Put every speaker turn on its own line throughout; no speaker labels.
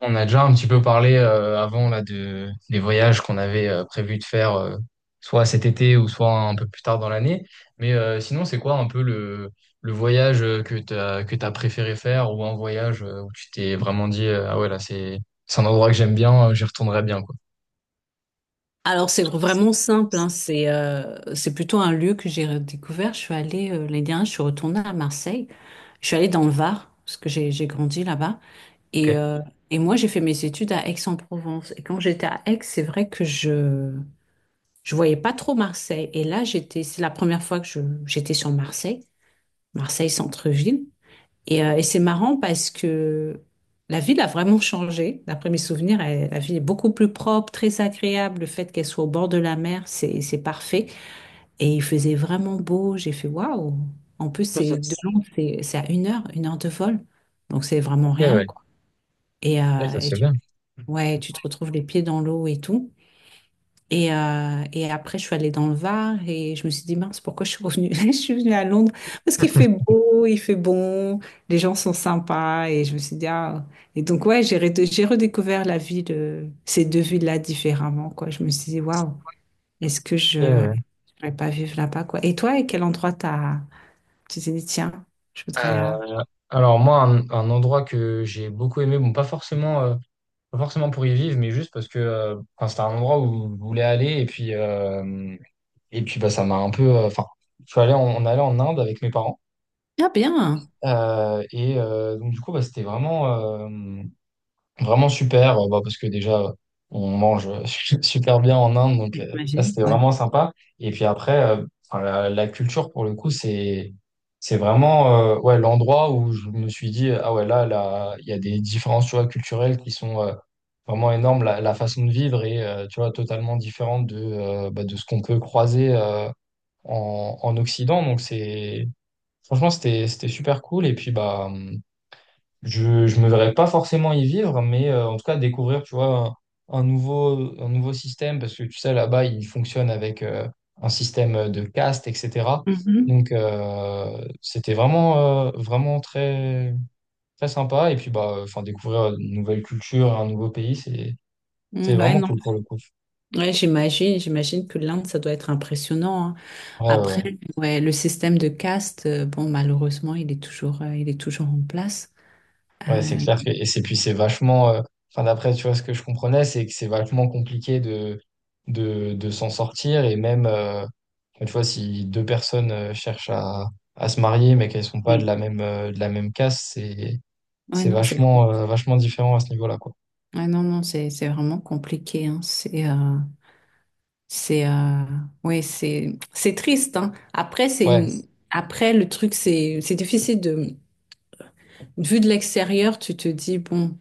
On a déjà un petit peu parlé avant là de des voyages qu'on avait prévu de faire soit cet été ou soit un peu plus tard dans l'année. Mais sinon, c'est quoi un peu le voyage que t'as préféré faire ou un voyage où tu t'es vraiment dit ah ouais là c'est un endroit que j'aime bien, j'y retournerai bien quoi.
Alors, c'est vraiment simple, hein. C'est plutôt un lieu que j'ai redécouvert. Je suis allée, l'année dernière, je suis retournée à Marseille. Je suis allée dans le Var, parce que j'ai grandi là-bas.
Ok.
Et, euh, et moi, j'ai fait mes études à Aix-en-Provence. Et quand j'étais à Aix, c'est vrai que je voyais pas trop Marseille. Et là, j'étais, c'est la première fois que je j'étais sur Marseille, Marseille centre-ville. Et c'est marrant parce que la ville a vraiment changé. D'après mes souvenirs, la ville est beaucoup plus propre, très agréable. Le fait qu'elle soit au bord de la mer, c'est parfait. Et il faisait vraiment beau. J'ai fait waouh. En plus, c'est de Londres, c'est à 1 heure, 1 heure de vol. Donc, c'est vraiment
Ok,
rien,
ouais.
quoi. Et,
Ouais,
euh,
ça
et
se fait
tu-
bien.
ouais, tu te retrouves les pieds dans l'eau et tout. Et après, je suis allée dans le Var et je me suis dit, mince, pourquoi je suis revenue? Je suis venue à Londres parce qu'il fait beau, il fait bon, les gens sont sympas. Et je me suis dit, ah. Et donc, ouais, j'ai redécouvert la ville, ces deux villes-là différemment, quoi. Je me suis dit, waouh, est-ce que je
Ok,
ne
ouais.
pourrais pas vivre là-bas, quoi. Et toi, à quel endroit t'as... tu t'es dit, tiens, je voudrais.
Euh,
euh,
alors moi, un endroit que j'ai beaucoup aimé, bon pas forcément. Pas forcément pour y vivre, mais juste parce que enfin, c'était un endroit où je voulais aller. Et puis bah, ça m'a un peu. Enfin, je suis allé en, on allait en Inde avec mes parents.
Ah, bien!
Et donc, du coup, bah, c'était vraiment. euh, Vraiment super, bah, parce que déjà, on mange super bien en Inde, donc ça,
J'imagine,
c'était
ouais.
vraiment sympa. Et puis après, enfin, la culture, pour le coup, c'est, vraiment ouais, l'endroit où je me suis dit, ah ouais, là, là, il y a des différences, tu vois, culturelles qui sont vraiment énormes. La façon de vivre est, tu vois, totalement différente de, bah, de ce qu'on peut croiser en, Occident. Donc c'est, franchement, c'était super cool. Et puis, bah, je me verrais pas forcément y vivre, mais en tout cas découvrir, tu vois, un nouveau, un nouveau système, parce que tu sais, là-bas, il fonctionne avec un système de caste, etc.
Mhm.
Donc, c'était vraiment, vraiment très, très sympa. Et puis, bah, enfin, découvrir une nouvelle culture, un nouveau pays, c'est,
Mm, ouais,
vraiment
non.
cool pour le coup.
Ouais, j'imagine, j'imagine que l'Inde, ça doit être impressionnant.
Ouais, ouais,
Après,
ouais.
ouais, le système de caste, bon, malheureusement, il est toujours en place.
Ouais, c'est
Euh,
clair que, et c'est puis c'est vachement, enfin d'après, tu vois, ce que je comprenais, c'est que c'est vachement compliqué de, s'en sortir et même, tu vois, si deux personnes cherchent à se marier mais qu'elles sont pas de
ouais.
la même, de la même caste, c'est,
Ouais,
c'est
non, c'est,
vachement, vachement différent à ce niveau-là, quoi.
ouais, non, non, c'est vraiment compliqué, hein. C'est, euh, ouais, c'est triste, hein. Après, c'est
Ouais.
une, après, le truc, c'est difficile de, vu de l'extérieur, tu te dis, bon,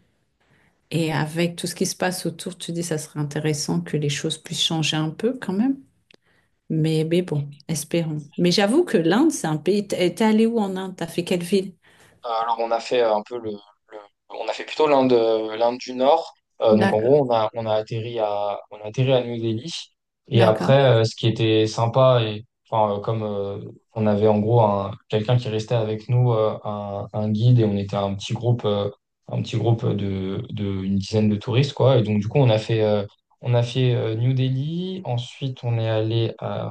et avec tout ce qui se passe autour, tu te dis, ça serait intéressant que les choses puissent changer un peu quand même. Mais bon, espérons. Mais j'avoue que l'Inde, c'est un pays. T'es allé où en Inde? T'as fait quelle ville?
Alors on a fait un peu le, on a fait plutôt l'Inde, l'Inde du Nord. Donc en
D'accord,
gros on a atterri à on a atterri à New Delhi et après
d'accord.
ce qui était sympa et enfin comme on avait en gros un quelqu'un qui restait avec nous un, guide et on était un petit groupe un petit groupe de une dizaine de touristes quoi et donc du coup on a fait New Delhi, ensuite on est allé à,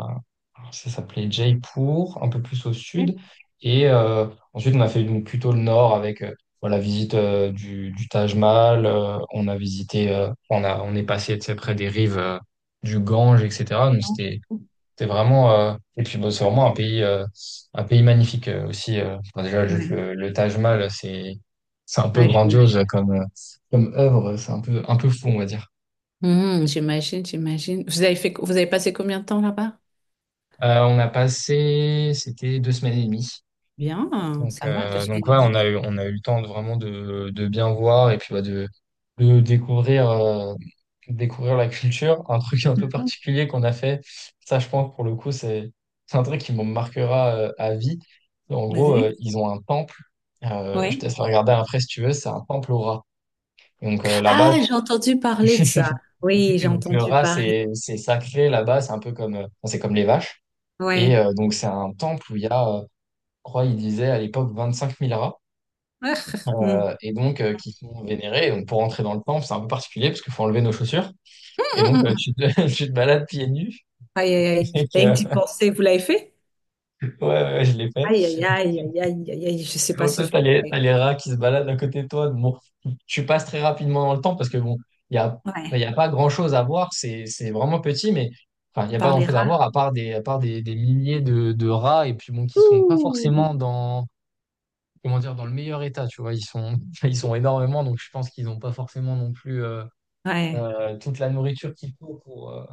ça s'appelait Jaipur, un peu plus au sud, et euh, Ensuite, on a fait donc plutôt le nord avec voilà, la visite du, Taj Mahal. On a visité, on est passé, tu sais, près des rives du Gange, etc. Donc
Non, je
c'était,
trouve.
c'était vraiment, et puis bon, c'est vraiment un pays, un pays magnifique aussi. Enfin, déjà, juste
Ouais,
le, Taj Mahal, c'est un peu
ouais, j'imagine.
grandiose comme, comme œuvre. C'est un peu fou, on va dire.
Hmm, j'imagine, j'imagine. Vous avez fait, vous avez passé combien de temps là-bas?
On a passé, c'était 2 semaines et demie.
Bien,
Donc,
ça va, deux
euh, donc
semaines et
ouais,
demie.
on a eu le temps de vraiment de, bien voir et puis bah, de découvrir, découvrir la culture. Un truc un peu
Mhm,
particulier qu'on a fait, ça je pense pour le coup, c'est un truc qui me marquera à vie. En gros,
vas-y.
ils ont un temple. Je te
Oui.
laisse regarder après si tu veux, c'est un temple au rat. Donc là-bas,
Ah, j'ai entendu parler de ça. Oui,
et
j'ai
donc le
entendu
rat
parler.
c'est sacré là-bas, c'est un peu comme enfin, c'est comme les vaches. Et
Oui.
donc c'est un temple où il y a, je crois, ils disaient à l'époque 25 000 rats.
Ah, hmm.
Et donc qui sont vénérés. Et donc pour rentrer dans le temple, c'est un peu particulier parce qu'il faut enlever nos chaussures. Et donc
Hmm.
tu te, tu te balades pieds nus.
Aïe, aïe, aïe.
Et que,
Rien que d'y
ouais,
penser, vous l'avez fait?
ouais, ouais, je l'ai fait.
Aïe, aïe, aïe, aïe, aïe, aïe, aïe. Je sais pas
Donc
si
toi,
je...
t'as les, t'as
pourrais.
les rats qui se baladent à côté de toi. Bon, tu passes très rapidement dans le temple parce que bon, il y a, il y
Ouais,
a pas grand-chose à voir. C'est vraiment petit, mais enfin, il
on
n'y a pas grand-chose à voir
parlera.
à part des milliers de rats et puis bon, qui sont pas forcément dans, comment dire, dans le meilleur état, tu vois. Ils sont, ils sont énormément, donc je pense qu'ils n'ont pas forcément non plus. euh,
Ouais,
euh, toute la nourriture qu'il faut pour, euh,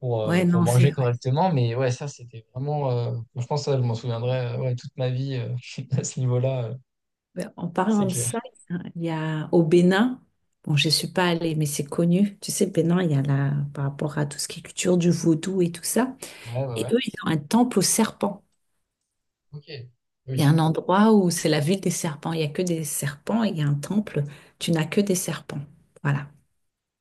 pour, euh,
ouais,
pour
non, c'est
manger
vrai.
correctement. Mais ouais, ça, c'était vraiment. Je pense que ça, je m'en souviendrai ouais, toute ma vie à ce niveau-là,
Ben, en
c'est
parlant de
clair.
ça, il y a au Bénin, bon, je ne suis pas allée, mais c'est connu. Tu sais, le Bénin, il y a là, par rapport à tout ce qui est culture du vaudou et tout ça.
Ouais, ouais,
Et
ouais.
eux, ils ont un temple aux serpents.
Ok.
Il y a
Oui.
un endroit où c'est la ville des serpents. Il n'y a que des serpents et il y a un temple. Tu n'as que des serpents. Voilà.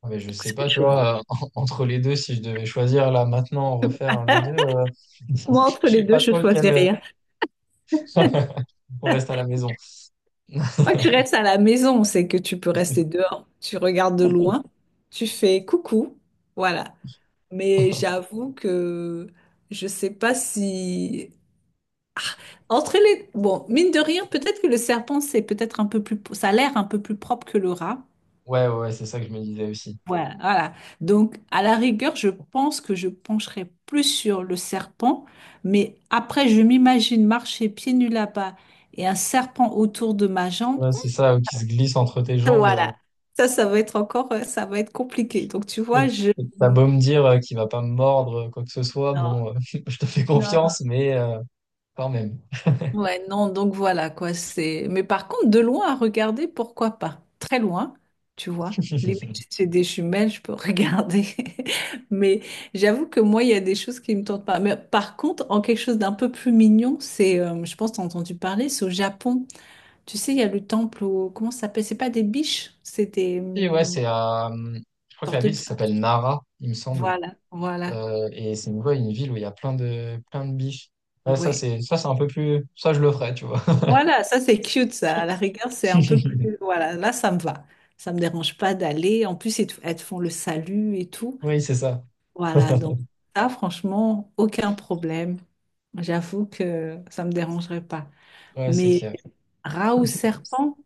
Ah, mais je
Donc,
sais
c'est
pas,
autre
tu
chose.
vois, entre les deux, si je devais choisir là maintenant, refaire un des deux,
Moi,
je
entre les
sais
deux,
pas
je
trop
choisis
lequel.
rien.
On reste à la maison.
Moi, tu restes à la maison, c'est que tu peux rester dehors. Tu regardes de loin. Tu fais coucou. Voilà. Mais j'avoue que je sais pas si... Ah, entre les... Bon, mine de rien, peut-être que le serpent, c'est peut-être un peu plus... Ça a l'air un peu plus propre que le rat.
Ouais, ouais, ouais, c'est ça que je me disais aussi.
Voilà, voilà. Donc, à la rigueur, je pense que je pencherai plus sur le serpent. Mais après, je m'imagine marcher pieds nus là-bas et un serpent autour de ma jambe.
Ouais, c'est ça qui se glisse entre tes jambes. euh,
Voilà. Ça va être encore... Ça va être compliqué. Donc, tu
Mais
vois, je...
t'as beau me dire qu'il va pas me mordre, quoi que ce soit,
Non,
bon, je te fais
non,
confiance, mais quand même.
ouais, non, donc voilà quoi, c'est. Mais par contre, de loin à regarder, pourquoi pas? Très loin, tu vois. Limite, si c'est des jumelles, je peux regarder. Mais j'avoue que moi, il y a des choses qui me tentent pas. Mais par contre, en quelque chose d'un peu plus mignon, c'est, je pense, t'as entendu parler, c'est au Japon. Tu sais, il y a le temple au... Comment ça s'appelle? C'est pas des biches, c'est des
Et ouais, je crois que la
sortes
ville
de.
s'appelle Nara, il me semble.
Voilà, voilà.
Et c'est une, ouais, une ville où il y a plein de, biches. Ouais, ça,
Ouais.
c'est, ça, c'est un peu plus, ça, je le ferais, tu vois.
Voilà, ça c'est cute, ça. À la rigueur, c'est un peu plus. Voilà, là ça me va. Ça me dérange pas d'aller. En plus, ils te elles te font le salut et tout.
Oui, c'est ça.
Voilà, donc ça, franchement, aucun problème. J'avoue que ça me dérangerait pas.
Ouais, c'est
Mais
clair.
rat ou serpent,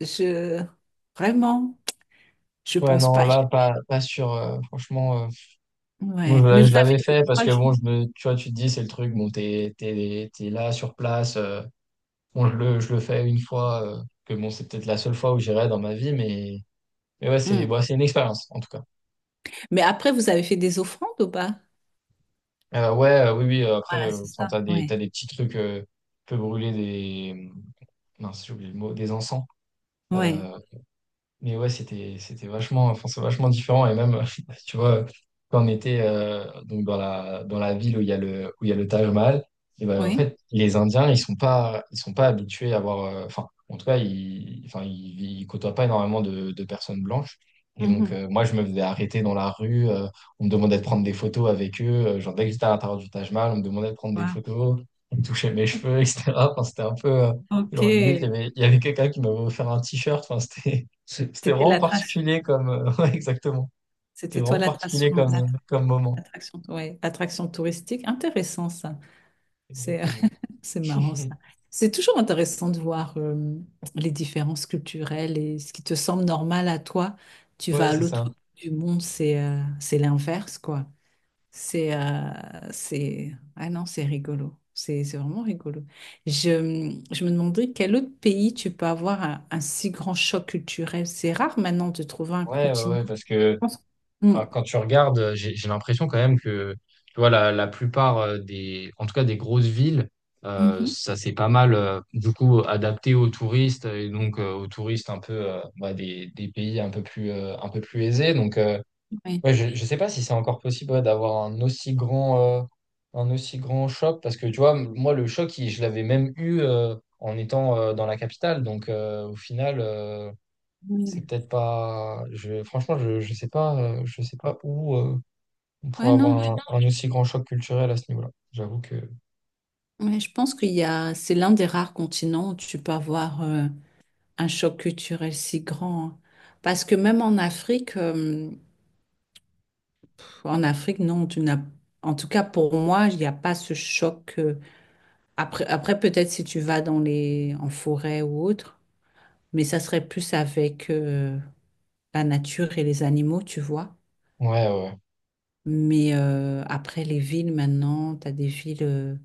je. Vraiment, je
Ouais,
pense
non,
pas.
là, pas, pas sûr. Franchement,
Ouais,
moi,
mais
je,
vous
je
avez
l'avais
fait
fait parce
trois
que, bon,
jours.
je me, tu vois, tu te dis, c'est le truc, bon, t'es, là sur place. Bon, je le fais une fois, que bon, c'est peut-être la seule fois où j'irai dans ma vie, mais ouais, c'est
Hmm.
bon, c'est une expérience, en tout cas.
Mais après, vous avez fait des offrandes ou pas?
Ouais, oui, oui,
Voilà,
après,
c'est
enfin,
ça.
t'as des, t'as
Ouais,
des petits trucs, tu peux brûler des, mince, j'ai oublié le mot, des encens.
ouais,
Euh, Mais ouais, c'était vachement, enfin, c'est vachement différent. Et même, tu vois, quand on était donc dans la, ville où il y a le, où il y a le Taj Mahal, et ben, en
oui.
fait, les Indiens, ils sont pas, habitués à avoir. Enfin, en tout cas, ils, enfin, ils côtoient pas énormément de personnes blanches. Et donc,
Mhm.
moi, je me faisais arrêter dans la rue. On me demandait de prendre des photos avec eux. Genre, dès que j'étais à l'intérieur du Taj Mahal, on me demandait de prendre des
Wow.
photos. On me touchait mes cheveux, etc. Enfin, c'était un peu. euh,
Ok,
genre, limite, il y
c'était
avait, il y avait quelqu'un qui m'avait offert un t-shirt. Enfin, c'était. C'était vraiment
l'attraction.
particulier comme. Ouais, exactement. C'était
C'était toi
vraiment
l'attraction,
particulier comme, comme moment.
l'attraction, ouais, attraction touristique. Intéressant ça. C'est,
Exactement.
c'est marrant ça. C'est toujours intéressant de voir les différences culturelles et ce qui te semble normal à toi, tu vas
Ouais,
à
c'est
l'autre
ça.
bout du monde, c'est l'inverse quoi. C'est euh, c'est Ah non, c'est rigolo. C'est vraiment rigolo. Je me demandais quel autre pays tu peux avoir un si grand choc culturel. C'est rare maintenant de trouver un
Ouais, ouais,
continent.
ouais, parce
Je
que
pense- Mm.
enfin, quand tu regardes, j'ai l'impression quand même que tu vois, la plupart des, en tout cas des grosses villes,
Mhm.
ça s'est pas mal du coup adapté aux touristes et donc aux touristes un peu bah, des pays un peu plus, un peu plus aisés. Donc,
Oui.
ouais, je ne sais pas si c'est encore possible, ouais, d'avoir un aussi grand, un aussi grand choc, parce que tu vois, moi, le choc, je l'avais même eu en étant dans la capitale. Donc, au final, c'est
Ouais,
peut-être pas. Je, franchement, je ne sais pas, je sais pas où on
ouais,
pourrait, ouais, avoir
non,
un aussi grand choc culturel à ce niveau-là. J'avoue que.
ouais, je pense qu'il y a, c'est l'un des rares continents où tu peux avoir un choc culturel si grand, hein. Parce que même en Afrique, non, tu n'as, en tout cas pour moi, il n'y a pas ce choc. Après, après peut-être si tu vas dans les, en forêt ou autre, mais ça serait plus avec la nature et les animaux, tu vois.
Ouais, ouais. Ouais,
Mais après les villes maintenant, tu as des villes.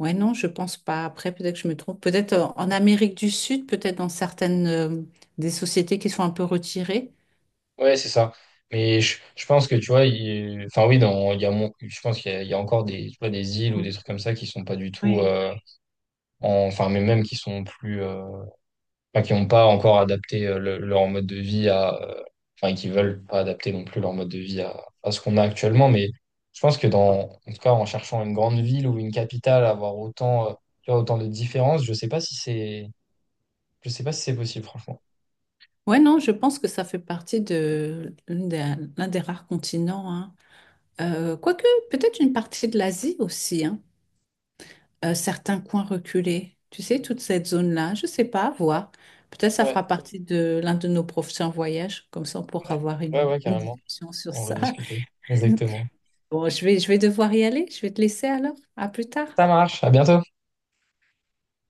Ouais, non, je pense pas. Après, peut-être que je me trompe. Peut-être en Amérique du Sud, peut-être dans certaines des sociétés qui sont un peu retirées.
ouais, c'est ça. Mais je, pense que, tu vois, il, enfin, oui, dans, il y a mon, je pense qu'il y a encore des, tu vois, des îles ou des trucs comme ça qui sont pas du tout.
Ouais.
Enfin, mais même qui sont plus. Enfin, qui n'ont pas encore adapté leur mode de vie à, enfin, qui veulent pas adapter non plus leur mode de vie à, ce qu'on a actuellement. Mais je pense que dans, en tout cas, en cherchant une grande ville ou une capitale, avoir autant, tu vois, autant de différences, je sais pas si c'est, je sais pas si c'est, possible, franchement.
Ouais, non, je pense que ça fait partie de l'un des rares continents, hein. Quoique, peut-être une partie de l'Asie aussi, hein. Certains coins reculés. Tu sais, toute cette zone-là, je sais pas, à voir. Peut-être ça
Ouais.
fera partie de l'un de nos prochains voyages. Comme ça, on pourra avoir
Ouais, ouais,
une
carrément.
discussion sur
On va
ça.
discuter. Exactement.
Bon, je vais devoir y aller. Je vais te laisser alors. À plus tard.
Ça marche. À bientôt.